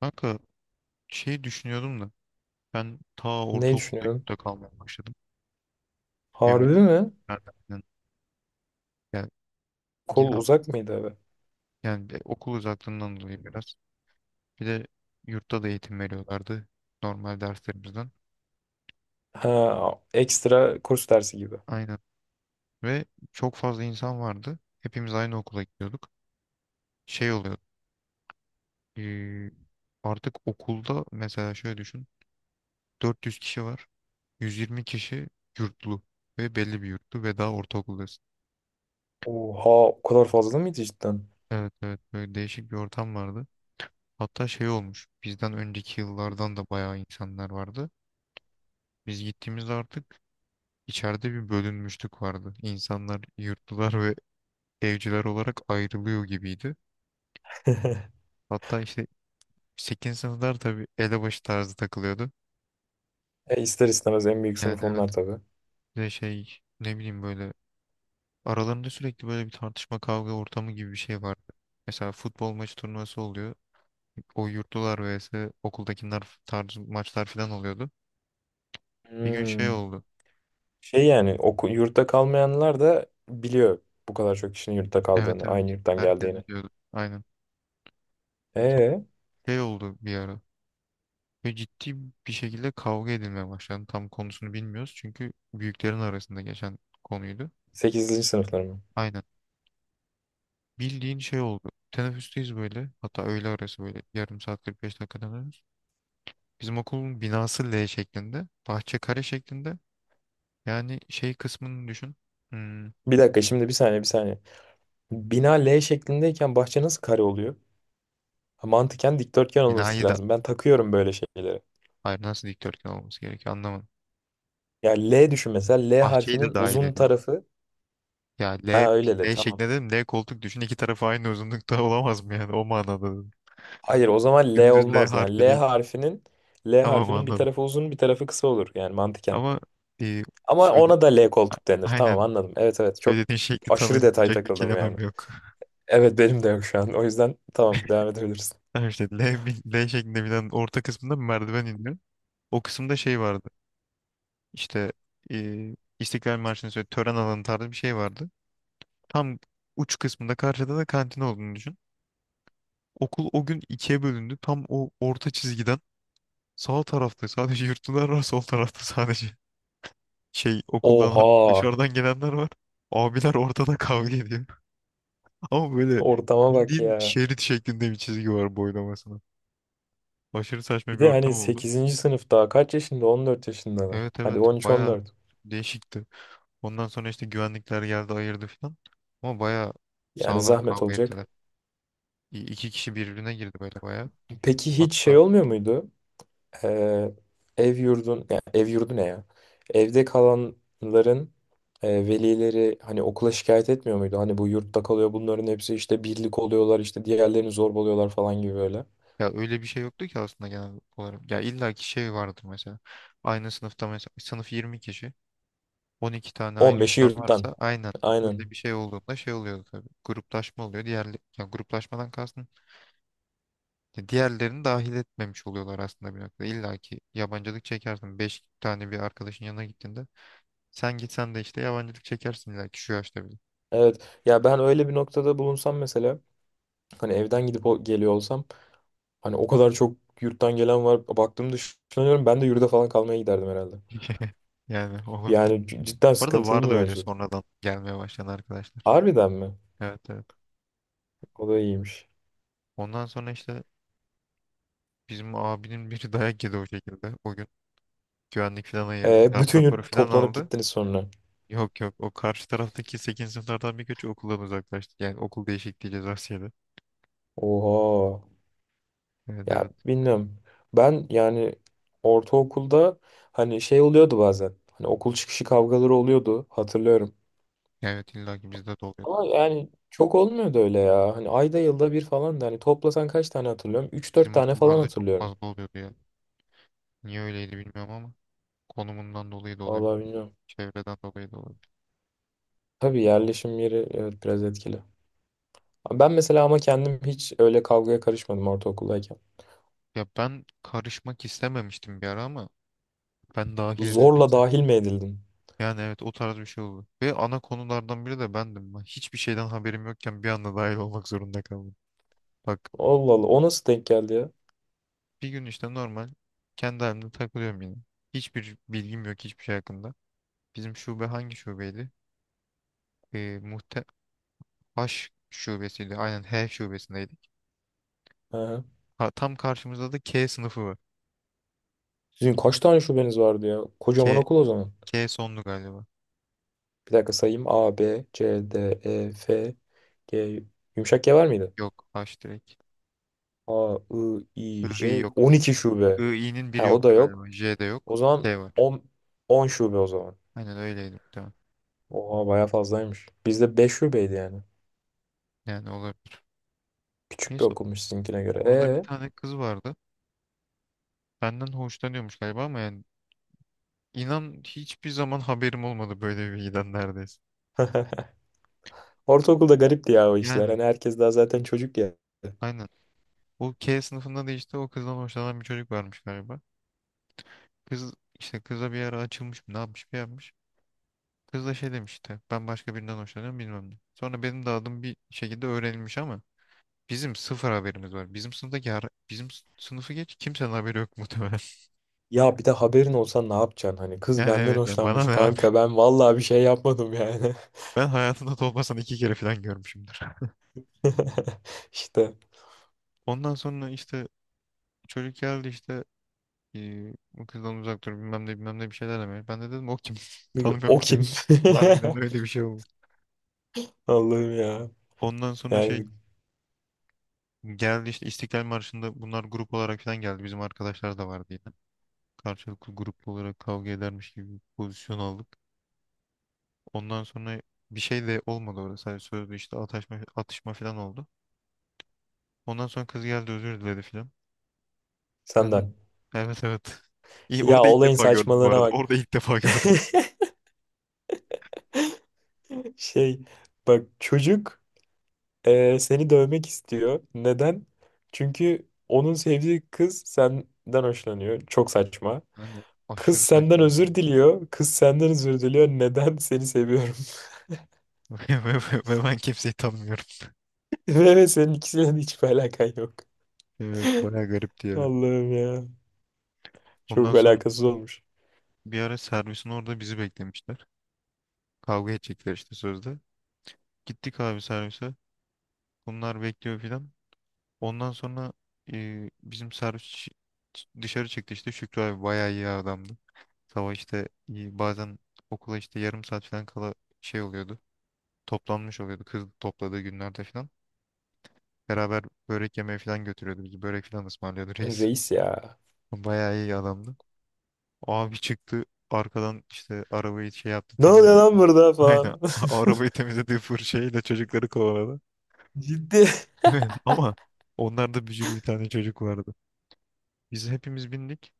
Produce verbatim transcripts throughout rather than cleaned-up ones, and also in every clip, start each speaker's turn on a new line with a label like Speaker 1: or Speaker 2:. Speaker 1: Kanka şey düşünüyordum da ben ta
Speaker 2: Ne
Speaker 1: ortaokulda
Speaker 2: düşünüyorsun?
Speaker 1: yurtta kalmaya başladım. Hem
Speaker 2: Harbi
Speaker 1: de bir
Speaker 2: mi?
Speaker 1: nereden? Yani yine
Speaker 2: Kol uzak mıydı abi?
Speaker 1: yani de okul uzaklığından dolayı biraz. Bir de yurtta da eğitim veriyorlardı normal derslerimizden.
Speaker 2: Ha, ekstra kurs dersi gibi.
Speaker 1: Aynen. Ve çok fazla insan vardı. Hepimiz aynı okula gidiyorduk. Şey oluyordu, eee, artık okulda mesela şöyle düşün. dört yüz kişi var. yüz yirmi kişi yurtlu ve belli bir yurtlu ve daha ortaokuldasın.
Speaker 2: Oha, o kadar fazla mıydı cidden?
Speaker 1: Evet, evet, böyle değişik bir ortam vardı. Hatta şey olmuş. Bizden önceki yıllardan da bayağı insanlar vardı. Biz gittiğimizde artık içeride bir bölünmüşlük vardı. İnsanlar yurtlular ve evciler olarak ayrılıyor gibiydi. Hatta işte sekizinci sınıflar tabii elebaşı tarzı takılıyordu.
Speaker 2: E, ister istemez en büyük
Speaker 1: Yani
Speaker 2: sınıf
Speaker 1: evet.
Speaker 2: onlar tabii.
Speaker 1: Bir de şey ne bileyim, böyle aralarında sürekli böyle bir tartışma kavga ortamı gibi bir şey vardı. Mesela futbol maçı turnuvası oluyor. O yurtlular vs okuldakiler tarzı maçlar falan oluyordu. Bir gün şey
Speaker 2: Hmm.
Speaker 1: oldu.
Speaker 2: Şey yani oku, yurtta kalmayanlar da biliyor bu kadar çok kişinin yurtta
Speaker 1: Evet,
Speaker 2: kaldığını,
Speaker 1: evet.
Speaker 2: aynı yurttan
Speaker 1: Herkes
Speaker 2: geldiğini.
Speaker 1: biliyordu. Aynen.
Speaker 2: Ee,
Speaker 1: Şey oldu bir ara. Ve ciddi bir şekilde kavga edilmeye başlandı. Tam konusunu bilmiyoruz. Çünkü büyüklerin arasında geçen konuydu.
Speaker 2: Sekizinci sınıflar mı?
Speaker 1: Aynen. Bildiğin şey oldu. Teneffüsteyiz böyle. Hatta öğle arası böyle. Yarım saat, kırk beş dakika dönüyoruz. Bizim okulun binası L şeklinde. Bahçe kare şeklinde. Yani şey kısmını düşün. Hmm,
Speaker 2: Bir dakika, şimdi bir saniye, bir saniye. Bina L şeklindeyken bahçe nasıl kare oluyor? Ha, mantıken dikdörtgen olması
Speaker 1: binayı da.
Speaker 2: lazım. Ben takıyorum böyle şeyleri.
Speaker 1: Hayır, nasıl dikdörtgen olması gerekiyor anlamadım.
Speaker 2: Ya L düşün mesela, L
Speaker 1: Bahçeyi de
Speaker 2: harfinin
Speaker 1: dahil
Speaker 2: uzun
Speaker 1: ediyorum.
Speaker 2: tarafı.
Speaker 1: Ya L,
Speaker 2: Ha, öyle de
Speaker 1: L
Speaker 2: tamam.
Speaker 1: şeklinde dedim. L koltuk düşün. İki tarafı aynı uzunlukta olamaz mı yani? O manada.
Speaker 2: Hayır, o zaman L
Speaker 1: Dümdüz L
Speaker 2: olmaz. Yani
Speaker 1: harfi
Speaker 2: L
Speaker 1: değil.
Speaker 2: harfinin L
Speaker 1: Tamam,
Speaker 2: harfinin bir
Speaker 1: anladım.
Speaker 2: tarafı uzun, bir tarafı kısa olur yani mantıken.
Speaker 1: Ama e,
Speaker 2: Ama
Speaker 1: söyle
Speaker 2: ona da L
Speaker 1: a-
Speaker 2: koltuk denir. Tamam,
Speaker 1: aynen
Speaker 2: anladım. Evet evet, çok
Speaker 1: söylediğin şekli
Speaker 2: aşırı detay
Speaker 1: tanımlayacak bir
Speaker 2: takıldım yani.
Speaker 1: kelimem yok.
Speaker 2: Evet, benim de yok şu an. O yüzden tamam, devam edebilirsin.
Speaker 1: Tamam, işte L, bi- L şeklinde binen orta kısmında bir merdiven iniyor. O kısımda şey vardı. İşte e, İstiklal Marşı'nın söyle tören alanı tarzı bir şey vardı. Tam uç kısmında, karşıda da kantin olduğunu düşün. Okul o gün ikiye bölündü. Tam o orta çizgiden sağ tarafta sadece yurtlular var, sol tarafta sadece şey, okuldan
Speaker 2: Oha!
Speaker 1: dışarıdan gelenler var. Abiler ortada kavga ediyor. Ama böyle
Speaker 2: Ortama bak
Speaker 1: bildiğin
Speaker 2: ya.
Speaker 1: şerit şeklinde bir çizgi var boylamasına. Aşırı
Speaker 2: Bir
Speaker 1: saçma bir
Speaker 2: de
Speaker 1: ortam
Speaker 2: hani
Speaker 1: oldu.
Speaker 2: sekizinci sınıf daha kaç yaşında? On dört yaşındalar.
Speaker 1: Evet, evet,
Speaker 2: Hadi on üç on
Speaker 1: baya
Speaker 2: dört.
Speaker 1: değişikti. Ondan sonra işte güvenlikler geldi, ayırdı falan. Ama baya
Speaker 2: Yani
Speaker 1: sağlam
Speaker 2: zahmet
Speaker 1: kavga
Speaker 2: olacak.
Speaker 1: ettiler. İ- İki kişi birbirine girdi böyle baya.
Speaker 2: Peki hiç şey
Speaker 1: Hatta
Speaker 2: olmuyor muydu? Ee, ev yurdun, Ya ev yurdu ne ya? Evde kalanların e, velileri hani okula şikayet etmiyor muydu? Hani bu yurtta kalıyor bunların hepsi, işte birlik oluyorlar, işte diğerlerini zorbalıyorlar falan gibi böyle.
Speaker 1: ya öyle bir şey yoktu ki aslında genel olarak. Ya illaki şey vardır mesela. Aynı sınıfta mesela sınıf yirmi kişi. on iki tane aynı
Speaker 2: on beşi
Speaker 1: yurttan
Speaker 2: yurttan.
Speaker 1: varsa aynen
Speaker 2: Aynen.
Speaker 1: öyle bir şey olduğunda şey oluyor tabii. Gruplaşma oluyor. Diğer, ya gruplaşmadan kastım, ya diğerlerini dahil etmemiş oluyorlar aslında bir noktada. İlla ki yabancılık çekersin. Beş tane bir arkadaşın yanına gittiğinde sen gitsen de işte yabancılık çekersin illa ki şu yaşta bile.
Speaker 2: Evet. Ya ben öyle bir noktada bulunsam mesela, hani evden gidip o- geliyor olsam. Hani o kadar çok yurttan gelen var. Baktığımda düşünüyorum, ben de yurda falan kalmaya giderdim herhalde.
Speaker 1: Yani olabilir.
Speaker 2: Yani c- cidden
Speaker 1: Bu arada
Speaker 2: sıkıntılı bir
Speaker 1: vardı öyle. Evet,
Speaker 2: mevzu.
Speaker 1: sonradan gelmeye başlayan arkadaşlar.
Speaker 2: Harbiden mi?
Speaker 1: Evet, evet.
Speaker 2: O da iyiymiş.
Speaker 1: Ondan sonra işte bizim abinin biri dayak yedi o şekilde. O gün güvenlik falan ayırdı.
Speaker 2: E,
Speaker 1: Darp
Speaker 2: bütün
Speaker 1: raporu
Speaker 2: yurt
Speaker 1: falan
Speaker 2: toplanıp
Speaker 1: aldı.
Speaker 2: gittiniz sonra.
Speaker 1: Yok, yok, o karşı taraftaki sekizinci sınıflardan birkaçı okuldan uzaklaştı. Yani okul değişikliği cezası yedi.
Speaker 2: Oha.
Speaker 1: Evet,
Speaker 2: Ya
Speaker 1: evet.
Speaker 2: bilmiyorum. Ben yani ortaokulda hani şey oluyordu bazen. Hani okul çıkışı kavgaları oluyordu, hatırlıyorum.
Speaker 1: Yani evet, illa ki bizde de oluyor.
Speaker 2: Ama yani çok olmuyordu öyle ya. Hani ayda yılda bir falan, da hani toplasan kaç tane hatırlıyorum? Üç dört
Speaker 1: Bizim
Speaker 2: tane falan
Speaker 1: okullarda çok
Speaker 2: hatırlıyorum.
Speaker 1: fazla oluyordu ya. Niye öyleydi bilmiyorum ama konumundan dolayı da olabilir.
Speaker 2: Vallahi bilmiyorum.
Speaker 1: Çevreden dolayı da olabilir.
Speaker 2: Tabii, yerleşim yeri, evet, biraz etkili. Ben mesela ama kendim hiç öyle kavgaya karışmadım ortaokuldayken.
Speaker 1: Ya ben karışmak istememiştim bir ara ama ben dahil edildim.
Speaker 2: Zorla dahil mi edildim?
Speaker 1: Yani evet, o tarz bir şey oldu. Ve ana konulardan biri de bendim. Ben hiçbir şeyden haberim yokken bir anda dahil olmak zorunda kaldım. Bak,
Speaker 2: Allah Allah, o nasıl denk geldi ya?
Speaker 1: bir gün işte normal kendi halimde takılıyorum yine. Hiçbir bilgim yok hiçbir şey hakkında. Bizim şube hangi şubeydi? Ee, muhte H şubesiydi. Aynen, H şubesindeydi.
Speaker 2: Aha.
Speaker 1: Ha, tam karşımızda da K sınıfı var.
Speaker 2: Sizin kaç tane şubeniz vardı ya? Kocaman
Speaker 1: K,
Speaker 2: okul o zaman.
Speaker 1: K sonlu galiba.
Speaker 2: Bir dakika sayayım. A, B, C, D, E, F, G. Yumuşak G var mıydı?
Speaker 1: Yok, H direkt.
Speaker 2: A, I, I,
Speaker 1: I, I
Speaker 2: J.
Speaker 1: yok.
Speaker 2: on iki
Speaker 1: I,
Speaker 2: şube.
Speaker 1: I'nin biri
Speaker 2: Ha, o da
Speaker 1: yoktu
Speaker 2: yok.
Speaker 1: galiba. J de
Speaker 2: O
Speaker 1: yok.
Speaker 2: zaman
Speaker 1: K var.
Speaker 2: on on şube o zaman.
Speaker 1: Aynen öyleydi muhtemelen.
Speaker 2: Oha, baya fazlaymış. Bizde beş şubeydi yani.
Speaker 1: Yani olabilir.
Speaker 2: Küçük bir
Speaker 1: Neyse,
Speaker 2: okulmuş sizinkine göre.
Speaker 1: orada bir
Speaker 2: E,
Speaker 1: tane kız vardı. Benden hoşlanıyormuş galiba ama yani inan hiçbir zaman haberim olmadı böyle bir bilgiden neredeyse.
Speaker 2: Ortaokulda garipti ya o işler.
Speaker 1: Yani
Speaker 2: Hani herkes daha zaten çocuk ya.
Speaker 1: aynen. O K sınıfında da işte o kızdan hoşlanan bir çocuk varmış galiba. Kız işte kıza bir ara açılmış mı ne yapmış bir yapmış. Kız da şey demişti. Ben başka birinden hoşlanıyorum, bilmem ne. Sonra benim de adım bir şekilde öğrenilmiş ama bizim sıfır haberimiz var. Bizim sınıftaki her- bizim s- sınıfı geç, kimsenin haberi yok muhtemelen.
Speaker 2: Ya bir de haberin olsa ne yapacaksın? Hani kız
Speaker 1: Yani
Speaker 2: benden
Speaker 1: evet, yani bana
Speaker 2: hoşlanmış
Speaker 1: ne abi.
Speaker 2: kanka, ben vallahi bir şey yapmadım yani.
Speaker 1: Ben hayatımda Tolga'sını iki kere falan görmüşümdür.
Speaker 2: İşte
Speaker 1: Ondan sonra işte çocuk geldi işte, eee, bu kızdan uzak dur bilmem ne bilmem ne bir şeyler demeye. Ben de dedim o kim? Tanımıyorum
Speaker 2: o
Speaker 1: ki.
Speaker 2: kim?
Speaker 1: Harbiden öyle bir şey oldu.
Speaker 2: Allah'ım ya.
Speaker 1: Ondan sonra şey
Speaker 2: Yani
Speaker 1: geldi, işte İstiklal Marşı'nda bunlar grup olarak falan geldi. Bizim arkadaşlar da vardı yine. Karşılıklı gruplu olarak kavga edermiş gibi bir pozisyon aldık. Ondan sonra bir şey de olmadı orada. Sadece sözlü işte atışma, atışma falan oldu. Ondan sonra kız geldi özür diledi falan. Ben de
Speaker 2: senden.
Speaker 1: evet, evet. İyi,
Speaker 2: Ya
Speaker 1: orada ilk
Speaker 2: olayın
Speaker 1: defa gördüm bu
Speaker 2: saçmalığına
Speaker 1: arada.
Speaker 2: bak.
Speaker 1: Orada ilk defa gördüm.
Speaker 2: Şey, bak çocuk e, seni dövmek istiyor. Neden? Çünkü onun sevdiği kız senden hoşlanıyor. Çok saçma.
Speaker 1: Ben de
Speaker 2: Kız
Speaker 1: aşırı
Speaker 2: senden
Speaker 1: saçmaydı.
Speaker 2: özür diliyor. Kız senden özür diliyor. Neden? Seni seviyorum.
Speaker 1: Ve, ve- ve ben kimseyi tanımıyorum.
Speaker 2: Ve ve senin ikisiyle de hiçbir alakan yok.
Speaker 1: Evet, bayağı garipti ya.
Speaker 2: Allah'ım ya.
Speaker 1: Ondan
Speaker 2: Çok
Speaker 1: sonra
Speaker 2: alakasız olmuş.
Speaker 1: bir ara servisin orada bizi beklemişler. Kavga edecekler işte sözde. Gittik abi servise. Bunlar bekliyor filan. Ondan sonra e, bizim servis ç- ç- dışarı çıktı, işte Şükrü abi bayağı iyi adamdı. Sabah işte, e, bazen okula işte yarım saat falan kala şey oluyordu. Toplanmış oluyordu kız topladığı günlerde falan. Beraber börek yemeye falan götürüyordu bizi. Börek falan ısmarlıyordu reis.
Speaker 2: Reis ya.
Speaker 1: Bayağı iyi adamdı. O abi çıktı arkadan, işte arabayı şey yaptı,
Speaker 2: Ne oluyor
Speaker 1: temizledi.
Speaker 2: lan burada falan.
Speaker 1: Aynen, a- arabayı temizlediği fırçayla çocukları kovaladı.
Speaker 2: Ciddi.
Speaker 1: Ama onlarda bücür bir tane çocuk vardı. Biz hepimiz bindik.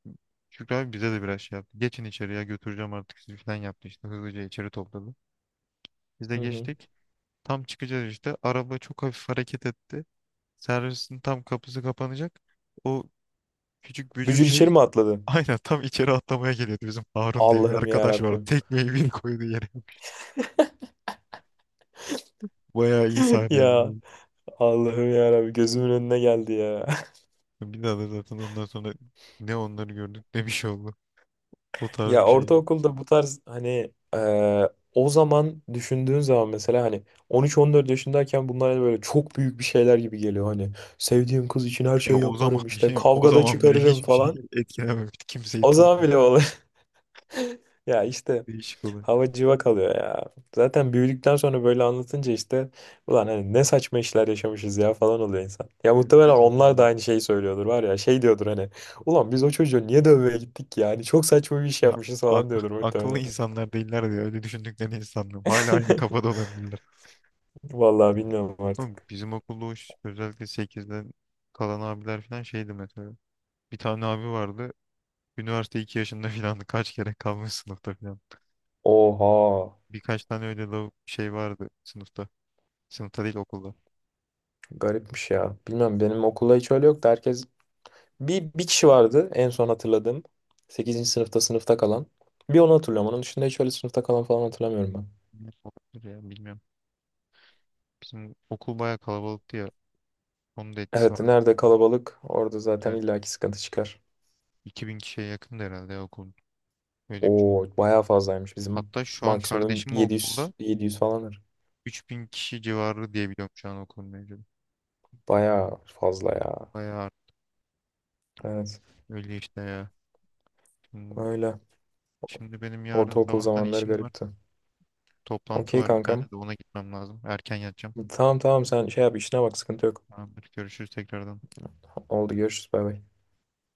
Speaker 1: Şükrü abi bize de biraz şey yaptı. Geçin, içeriye götüreceğim artık sizi falan yaptı işte. Hızlıca içeri topladı. Biz de
Speaker 2: Hı hı.
Speaker 1: geçtik. Tam çıkacağız işte. Araba çok hafif hareket etti. Servisin tam kapısı kapanacak. O küçük bücür
Speaker 2: Bücür
Speaker 1: şey
Speaker 2: içeri mi atladı?
Speaker 1: aynen tam içeri atlamaya geliyordu. Bizim Harun diye bir
Speaker 2: Allah'ım ya
Speaker 1: arkadaş vardı.
Speaker 2: Rabbim.
Speaker 1: Tekmeyi bir koydu yere. Bayağı iyi
Speaker 2: Ya,
Speaker 1: sahneydi.
Speaker 2: Allah'ım ya Rabbim, gözümün önüne geldi ya.
Speaker 1: Bir daha da zaten ondan sonra ne onları gördük ne bir şey oldu. O tarz
Speaker 2: Ya
Speaker 1: bir şey.
Speaker 2: ortaokulda bu tarz hani, eee, o zaman düşündüğün zaman mesela, hani on üç, on dört yaşındayken bunlar hani böyle çok büyük bir şeyler gibi geliyor. Hani sevdiğim kız için her
Speaker 1: Ya
Speaker 2: şey
Speaker 1: o zaman
Speaker 2: yaparım,
Speaker 1: bir
Speaker 2: işte
Speaker 1: şey mi? O
Speaker 2: kavgada, doğru,
Speaker 1: zaman bile
Speaker 2: çıkarırım
Speaker 1: hiçbir şey
Speaker 2: falan.
Speaker 1: etkilememişti. Kimseyi
Speaker 2: O
Speaker 1: tam
Speaker 2: zaman bile olur. Ya işte
Speaker 1: değişik oluyor.
Speaker 2: hava civa kalıyor ya. Zaten büyüdükten sonra böyle anlatınca işte, ulan hani ne saçma işler yaşamışız ya falan oluyor insan. Ya muhtemelen
Speaker 1: Yapıyor zaten
Speaker 2: onlar da
Speaker 1: ya.
Speaker 2: aynı şeyi söylüyordur, var ya şey diyordur hani, ulan biz o çocuğu niye dövmeye gittik ki yani, çok saçma bir iş
Speaker 1: Ya
Speaker 2: yapmışız falan
Speaker 1: ak-
Speaker 2: diyordur
Speaker 1: akıllı
Speaker 2: muhtemelen.
Speaker 1: insanlar değiller diye öyle düşündüklerini hiç sanmıyorum. Hala aynı kafada olabilirler.
Speaker 2: Vallahi bilmiyorum
Speaker 1: Oğlum,
Speaker 2: artık.
Speaker 1: bizim okulda o ş- özellikle sekizden kalan abiler falan şeydi mesela. Bir tane abi vardı. Üniversite iki yaşında falan kaç kere kalmış sınıfta falan.
Speaker 2: Oha.
Speaker 1: Birkaç tane öyle lav- şey vardı sınıfta. Sınıfta değil, okulda.
Speaker 2: Garipmiş ya. Bilmem, benim okulda hiç öyle yoktu. Herkes, bir, bir kişi vardı en son hatırladığım. Sekizinci sınıfta sınıfta kalan. Bir onu hatırlıyorum. Onun dışında hiç öyle sınıfta kalan falan hatırlamıyorum ben.
Speaker 1: Ne olabilir ya, bilmiyorum. Bizim okul bayağı kalabalıktı ya. Onun da etkisi var.
Speaker 2: Evet, nerede kalabalık orada zaten
Speaker 1: Evet, evet.
Speaker 2: illaki sıkıntı çıkar.
Speaker 1: iki bin kişiye yakındı herhalde ya okul. Öyle bir şey.
Speaker 2: Oo, bayağı fazlaymış. Bizim
Speaker 1: Hatta şu an
Speaker 2: maksimum
Speaker 1: kardeşim
Speaker 2: 700
Speaker 1: okulda
Speaker 2: 700 falanır.
Speaker 1: üç bin kişi civarı diye biliyorum şu an okulun mevcudu.
Speaker 2: Bayağı fazla ya.
Speaker 1: Bayağı
Speaker 2: Evet,
Speaker 1: öyle işte ya. Şimdi,
Speaker 2: öyle.
Speaker 1: şimdi benim yarın
Speaker 2: Ortaokul
Speaker 1: sabahtan
Speaker 2: zamanları
Speaker 1: işim var.
Speaker 2: garipti.
Speaker 1: Toplantı
Speaker 2: Okey
Speaker 1: var, bir
Speaker 2: kankam.
Speaker 1: tane de ona gitmem lazım. Erken yatacağım.
Speaker 2: Tamam tamam, sen şey yap, işine bak, sıkıntı yok.
Speaker 1: Tamamdır. Görüşürüz tekrardan.
Speaker 2: Oldu, görüşürüz, bay bay.